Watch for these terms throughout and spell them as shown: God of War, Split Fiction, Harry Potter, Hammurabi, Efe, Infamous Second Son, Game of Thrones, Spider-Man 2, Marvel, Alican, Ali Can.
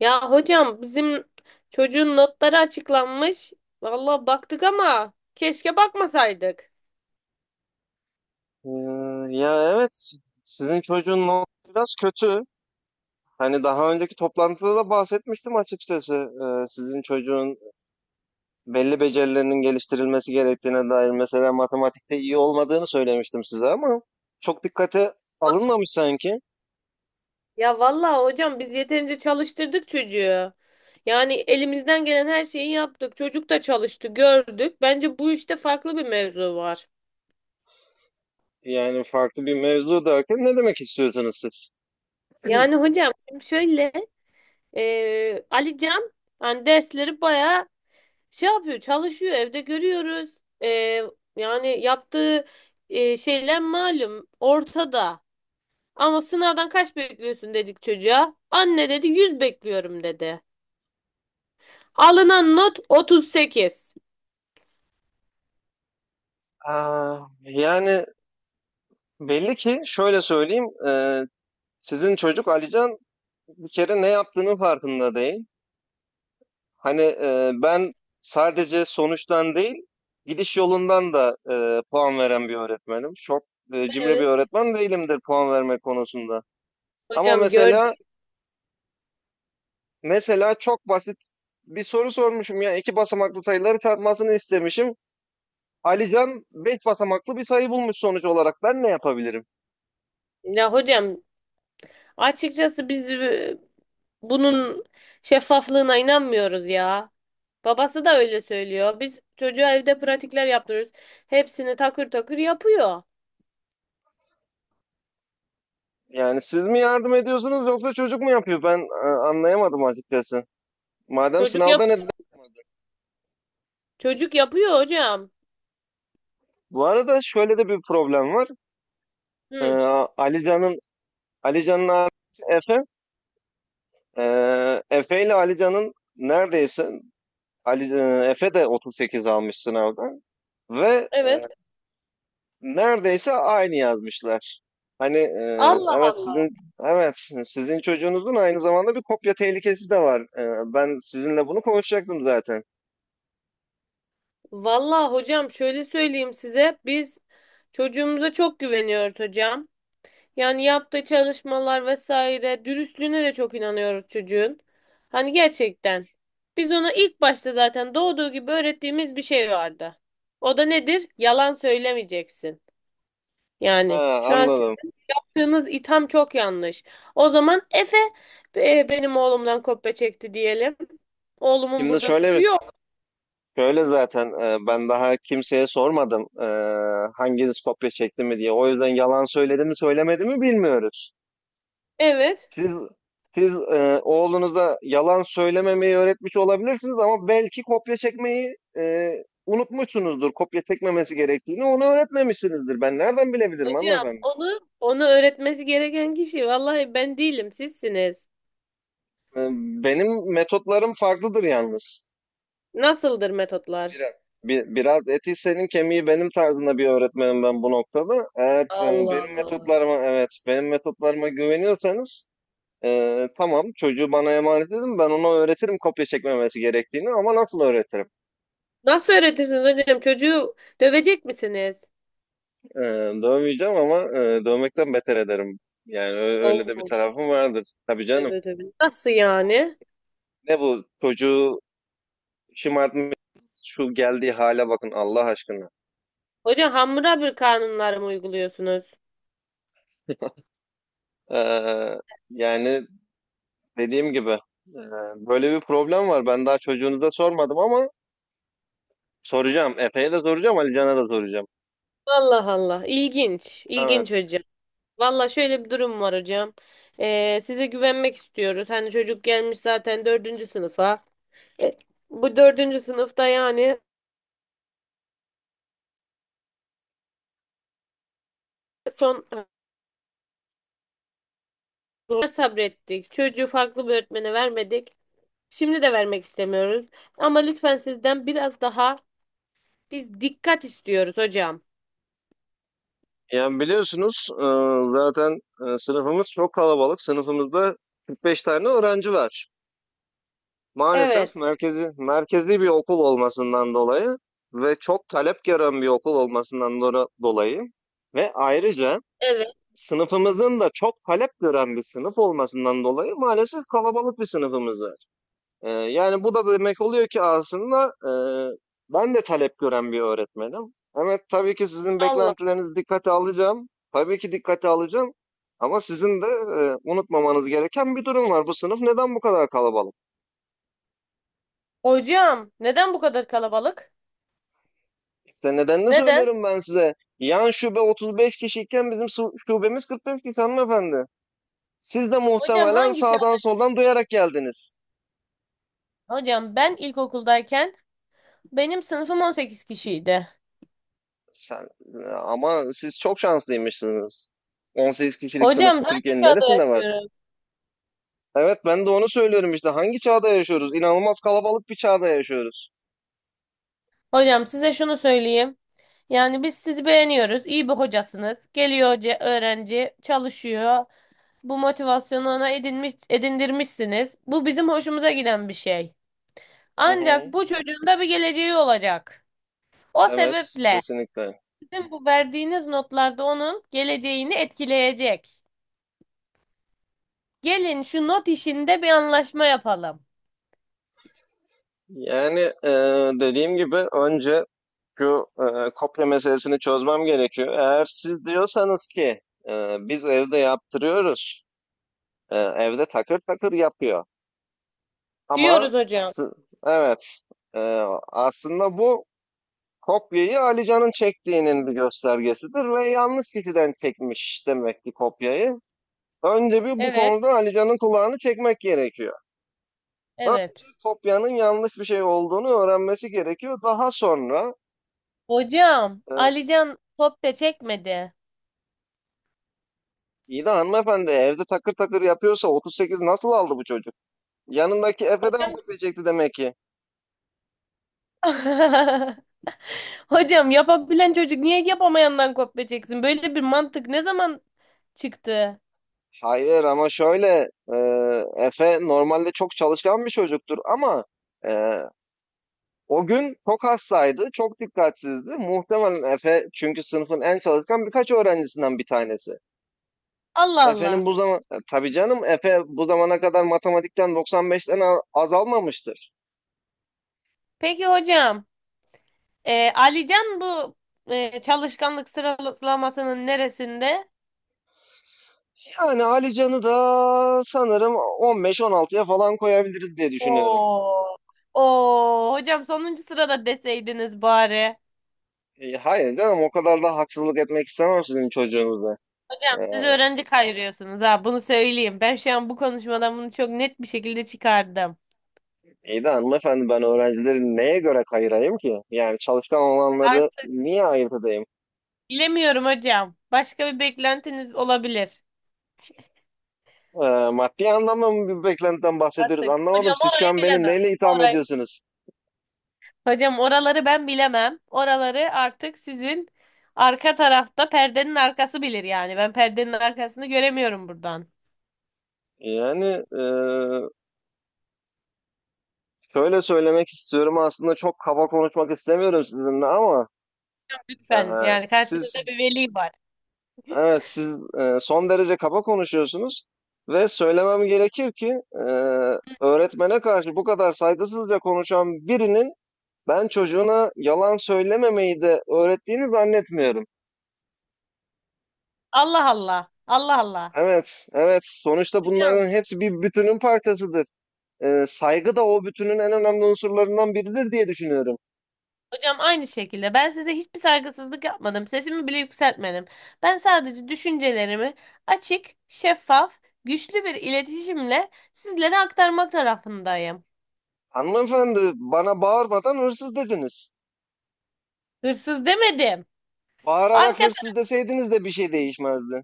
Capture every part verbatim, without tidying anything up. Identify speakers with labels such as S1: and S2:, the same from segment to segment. S1: Ya hocam bizim çocuğun notları açıklanmış. Vallahi baktık ama keşke bakmasaydık.
S2: Ee, ya evet sizin çocuğun not biraz kötü. Hani daha önceki toplantıda da bahsetmiştim açıkçası. Ee, sizin çocuğun belli becerilerinin geliştirilmesi gerektiğine dair mesela matematikte iyi olmadığını söylemiştim size ama çok dikkate alınmamış sanki.
S1: Ya vallahi hocam biz yeterince çalıştırdık çocuğu. Yani elimizden gelen her şeyi yaptık. Çocuk da çalıştı, gördük. Bence bu işte farklı bir mevzu var.
S2: Yani farklı bir mevzu derken ne demek istiyorsunuz siz?
S1: Yani hocam şimdi şöyle e, Ali Can hani dersleri bayağı şey yapıyor, çalışıyor. Evde görüyoruz. E, yani yaptığı e, şeyler malum ortada. Ama sınavdan kaç bekliyorsun dedik çocuğa. Anne dedi yüz bekliyorum dedi. Alınan not otuz sekiz.
S2: Aa, yani belli ki şöyle söyleyeyim. E, sizin çocuk Alican bir kere ne yaptığının farkında değil. Hani e, ben sadece sonuçtan değil, gidiş yolundan da e, puan veren bir öğretmenim. Çok e, cimri bir
S1: Evet.
S2: öğretmen değilimdir puan verme konusunda. Ama
S1: Hocam
S2: mesela
S1: gördük.
S2: mesela çok basit bir soru sormuşum ya iki basamaklı sayıları çarpmasını istemişim. Alican beş basamaklı bir sayı bulmuş sonuç olarak. Ben ne yapabilirim?
S1: Ya hocam açıkçası biz e, bunun şeffaflığına inanmıyoruz ya. Babası da öyle söylüyor. Biz çocuğa evde pratikler yaptırıyoruz. Hepsini takır takır yapıyor.
S2: Yani siz mi yardım ediyorsunuz yoksa çocuk mu yapıyor? Ben e, anlayamadım açıkçası. Madem
S1: Çocuk yap
S2: sınavda neden?
S1: Çocuk yapıyor hocam.
S2: Bu arada şöyle de bir problem var. Ee,
S1: Hı,
S2: Ali Alican'ın abisi Efe. Ee, Efe ile Alican'ın neredeyse Ali, e, Efe de otuz sekiz almış sınavda ve e,
S1: evet.
S2: neredeyse aynı yazmışlar. Hani e,
S1: Allah
S2: evet
S1: Allah.
S2: sizin evet sizin çocuğunuzun aynı zamanda bir kopya tehlikesi de var. E, ben sizinle bunu konuşacaktım zaten.
S1: Vallahi hocam şöyle söyleyeyim size. Biz çocuğumuza çok güveniyoruz hocam. Yani yaptığı çalışmalar vesaire dürüstlüğüne de çok inanıyoruz çocuğun. Hani gerçekten biz ona ilk başta zaten doğduğu gibi öğrettiğimiz bir şey vardı. O da nedir? Yalan söylemeyeceksin. Yani
S2: Ha,
S1: şu an
S2: anladım.
S1: siz yaptığınız itham çok yanlış. O zaman Efe e, benim oğlumdan kopya çekti diyelim. Oğlumun
S2: Şimdi
S1: burada
S2: şöyle
S1: suçu
S2: bir
S1: yok.
S2: şöyle zaten e, ben daha kimseye sormadım e, hanginiz kopya çekti mi diye. O yüzden yalan söyledi mi söylemedi mi bilmiyoruz.
S1: Evet.
S2: Siz siz e, oğlunuza yalan söylememeyi öğretmiş olabilirsiniz ama belki kopya çekmeyi e, unutmuşsunuzdur. Kopya çekmemesi gerektiğini onu öğretmemişsinizdir. Ben nereden bilebilirim
S1: Hocam
S2: hanımefendi?
S1: onu onu öğretmesi gereken kişi vallahi ben değilim, sizsiniz.
S2: E, benim metotlarım farklıdır yalnız.
S1: Nasıldır metotlar?
S2: Biraz, bi- Biraz eti senin kemiği benim tarzında bir öğretmenim ben bu noktada. Eğer e,
S1: Allah
S2: benim
S1: Allah.
S2: metotlarıma evet benim metotlarıma güveniyorsanız e, tamam çocuğu bana emanet edin ben ona öğretirim kopya çekmemesi gerektiğini ama nasıl öğretirim?
S1: Nasıl öğretirsiniz hocam? Çocuğu dövecek misiniz?
S2: Ee, Dövmeyeceğim ama e, dövmekten beter ederim. Yani ö- öyle de bir
S1: Olmaz.
S2: tarafım vardır. Tabii canım.
S1: Evet, evet. Nasıl yani?
S2: Ne bu çocuğu şımartmış şu geldiği hale bakın Allah aşkına.
S1: Hocam Hammurabi kanunları mı uyguluyorsunuz?
S2: Ee, Yani dediğim gibi e, böyle bir problem var. Ben daha çocuğunuza sormadım ama soracağım. Efe'ye de soracağım, Ali Can'a da soracağım.
S1: Allah Allah. İlginç. İlginç
S2: Evet.
S1: hocam. Valla şöyle bir durum var hocam. Ee, size güvenmek istiyoruz. Hani çocuk gelmiş zaten dördüncü sınıfa. E, bu dördüncü sınıfta yani son zor sabrettik. Çocuğu farklı bir öğretmene vermedik. Şimdi de vermek istemiyoruz. Ama lütfen sizden biraz daha biz dikkat istiyoruz hocam.
S2: Yani biliyorsunuz e, zaten e, sınıfımız çok kalabalık. Sınıfımızda kırk beş tane öğrenci var. Maalesef
S1: Evet.
S2: merkezi, merkezi bir okul olmasından dolayı ve çok talep gören bir okul olmasından dora- dolayı ve ayrıca
S1: Evet.
S2: sınıfımızın da çok talep gören bir sınıf olmasından dolayı maalesef kalabalık bir sınıfımız var. Ee, yani bu da demek oluyor ki aslında e, ben de talep gören bir öğretmenim. Evet, tabii ki sizin
S1: Allah.
S2: beklentilerinizi dikkate alacağım. Tabii ki dikkate alacağım. Ama sizin de e, unutmamanız gereken bir durum var. Bu sınıf neden bu kadar kalabalık?
S1: Hocam neden bu kadar kalabalık?
S2: İşte nedenini
S1: Neden?
S2: söylüyorum ben size. Yan şube otuz beş kişiyken bizim su- şubemiz kırk beş kişi hanımefendi. Siz de
S1: Hocam
S2: muhtemelen
S1: hangi çağ?
S2: sağdan soldan duyarak geldiniz.
S1: Hocam ben ilkokuldayken benim sınıfım on sekiz kişiydi.
S2: Sen, Ama siz çok şanslıymışsınız. on sekiz kişilik sınıf
S1: Hocam hangi
S2: Türkiye'nin
S1: çağda
S2: neresinde var?
S1: yaşıyoruz?
S2: Evet, ben de onu söylüyorum işte. Hangi çağda yaşıyoruz? İnanılmaz kalabalık bir çağda yaşıyoruz.
S1: Hocam size şunu söyleyeyim. Yani biz sizi beğeniyoruz. İyi bir hocasınız. Geliyor hoca, öğrenci, çalışıyor. Bu motivasyonu ona edinmiş, edindirmişsiniz. Bu bizim hoşumuza giden bir şey.
S2: Hı
S1: Ancak
S2: hı.
S1: bu çocuğun da bir geleceği olacak. O
S2: Evet,
S1: sebeple
S2: kesinlikle.
S1: sizin bu verdiğiniz notlarda onun geleceğini etkileyecek. Gelin şu not işinde bir anlaşma yapalım.
S2: Yani e, dediğim gibi önce şu e, kopya meselesini çözmem gerekiyor. Eğer siz diyorsanız ki e, biz evde yaptırıyoruz, e, evde takır takır yapıyor. Ama
S1: Diyoruz hocam.
S2: si- evet e, aslında bu kopyayı Ali Can'ın çektiğinin bir göstergesidir ve yanlış kişiden çekmiş demek ki kopyayı. Önce bir bu
S1: Evet,
S2: konuda Ali Can'ın kulağını çekmek gerekiyor. Önce
S1: evet.
S2: kopyanın yanlış bir şey olduğunu öğrenmesi gerekiyor. Daha sonra
S1: Hocam,
S2: e,
S1: Alican top da çekmedi.
S2: İyi de hanımefendi evde takır takır yapıyorsa otuz sekiz nasıl aldı bu çocuk? Yanındaki Efe'den
S1: Hocam
S2: kopyacaktı demek ki.
S1: hocam yapabilen çocuk niye yapamayandan kopya çeksin? Böyle bir mantık ne zaman çıktı?
S2: Hayır ama şöyle e, Efe normalde çok çalışkan bir çocuktur ama e, o gün çok hastaydı, çok dikkatsizdi. Muhtemelen Efe, çünkü sınıfın en çalışkan birkaç öğrencisinden bir tanesi.
S1: Allah
S2: Efe'nin
S1: Allah.
S2: bu zaman e, Tabii canım, Efe bu zamana kadar matematikten doksan beşten a- az almamıştır.
S1: Peki hocam. Ee, Alican bu e, çalışkanlık sıralamasının neresinde?
S2: Yani Ali Can'ı da sanırım on beş on altıya falan koyabiliriz diye düşünüyorum.
S1: Oo. Oo. Hocam sonuncu sırada deseydiniz bari.
S2: E, hayır canım o kadar da haksızlık etmek istemem sizin çocuğunuza.
S1: Hocam
S2: Ee,
S1: siz öğrenci kayırıyorsunuz, ha, bunu söyleyeyim. Ben şu an bu konuşmadan bunu çok net bir şekilde çıkardım.
S2: iyi de hanımefendi ben öğrencileri neye göre ayırayım ki? Yani çalışkan olanları
S1: Artık
S2: niye ayırt edeyim?
S1: bilemiyorum hocam. Başka bir beklentiniz olabilir.
S2: Ee, maddi anlamda mı bir beklentiden bahsediyoruz?
S1: Artık.
S2: Anlamadım,
S1: Hocam
S2: siz şu
S1: orayı
S2: an beni
S1: bilemem.
S2: neyle itham
S1: Orayı
S2: ediyorsunuz?
S1: Hocam oraları ben bilemem. Oraları artık sizin arka tarafta perdenin arkası bilir yani. Ben perdenin arkasını göremiyorum buradan.
S2: Yani e, şöyle söylemek istiyorum, aslında çok kaba konuşmak istemiyorum sizinle ama e,
S1: Lütfen yani, karşınızda
S2: siz
S1: bir veli var.
S2: Evet, siz e, son derece kaba konuşuyorsunuz ve söylemem gerekir ki e, öğretmene karşı bu kadar saygısızca konuşan birinin ben çocuğuna yalan söylememeyi de öğrettiğini zannetmiyorum.
S1: Allah Allah. Allah Allah.
S2: Evet, evet. Sonuçta
S1: Hocam,
S2: bunların hepsi bir bütünün parçasıdır. E, saygı da o bütünün en önemli unsurlarından biridir diye düşünüyorum.
S1: hocam aynı şekilde ben size hiçbir saygısızlık yapmadım. Sesimi bile yükseltmedim. Ben sadece düşüncelerimi açık, şeffaf, güçlü bir iletişimle sizlere aktarmak tarafındayım.
S2: Hanımefendi, bana bağırmadan hırsız dediniz.
S1: Hırsız demedim.
S2: Bağırarak
S1: Arka
S2: hırsız deseydiniz de bir şey değişmezdi.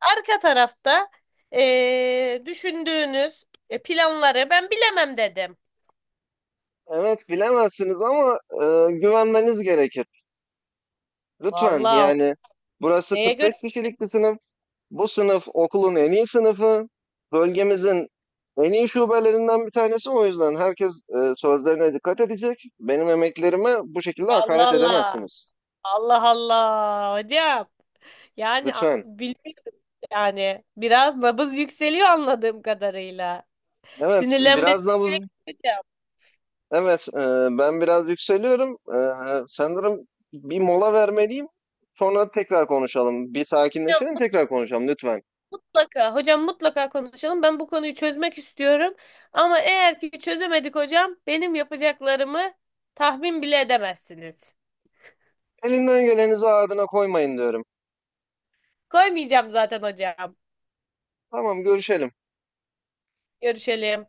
S1: Arka tarafta eee, düşündüğünüz e, planları ben bilemem dedim.
S2: Evet, bilemezsiniz ama e, güvenmeniz gerekir. Lütfen
S1: Vallahi
S2: yani burası
S1: neye göre?
S2: kırk beş kişilik bir sınıf. Bu sınıf okulun en iyi sınıfı. Bölgemizin en iyi şubelerinden bir tanesi. O yüzden herkes e, sözlerine dikkat edecek. Benim emeklerime bu şekilde
S1: Allah
S2: hakaret
S1: Allah.
S2: edemezsiniz.
S1: Allah Allah hocam. Yani a-
S2: Lütfen.
S1: bilmiyorum yani. Biraz nabız yükseliyor anladığım kadarıyla.
S2: Evet,
S1: Sinirlenmenize
S2: biraz
S1: gerek
S2: nabız.
S1: yok hocam.
S2: Evet, e, ben biraz yükseliyorum. E, sanırım bir mola vermeliyim. Sonra tekrar konuşalım. Bir sakinleşelim,
S1: Hocam
S2: tekrar konuşalım lütfen.
S1: mutlaka, hocam mutlaka konuşalım. Ben bu konuyu çözmek istiyorum. Ama eğer ki çözemedik hocam, benim yapacaklarımı tahmin bile edemezsiniz.
S2: Elinden gelenizi ardına koymayın diyorum.
S1: Koymayacağım zaten hocam.
S2: Tamam, görüşelim.
S1: Görüşelim.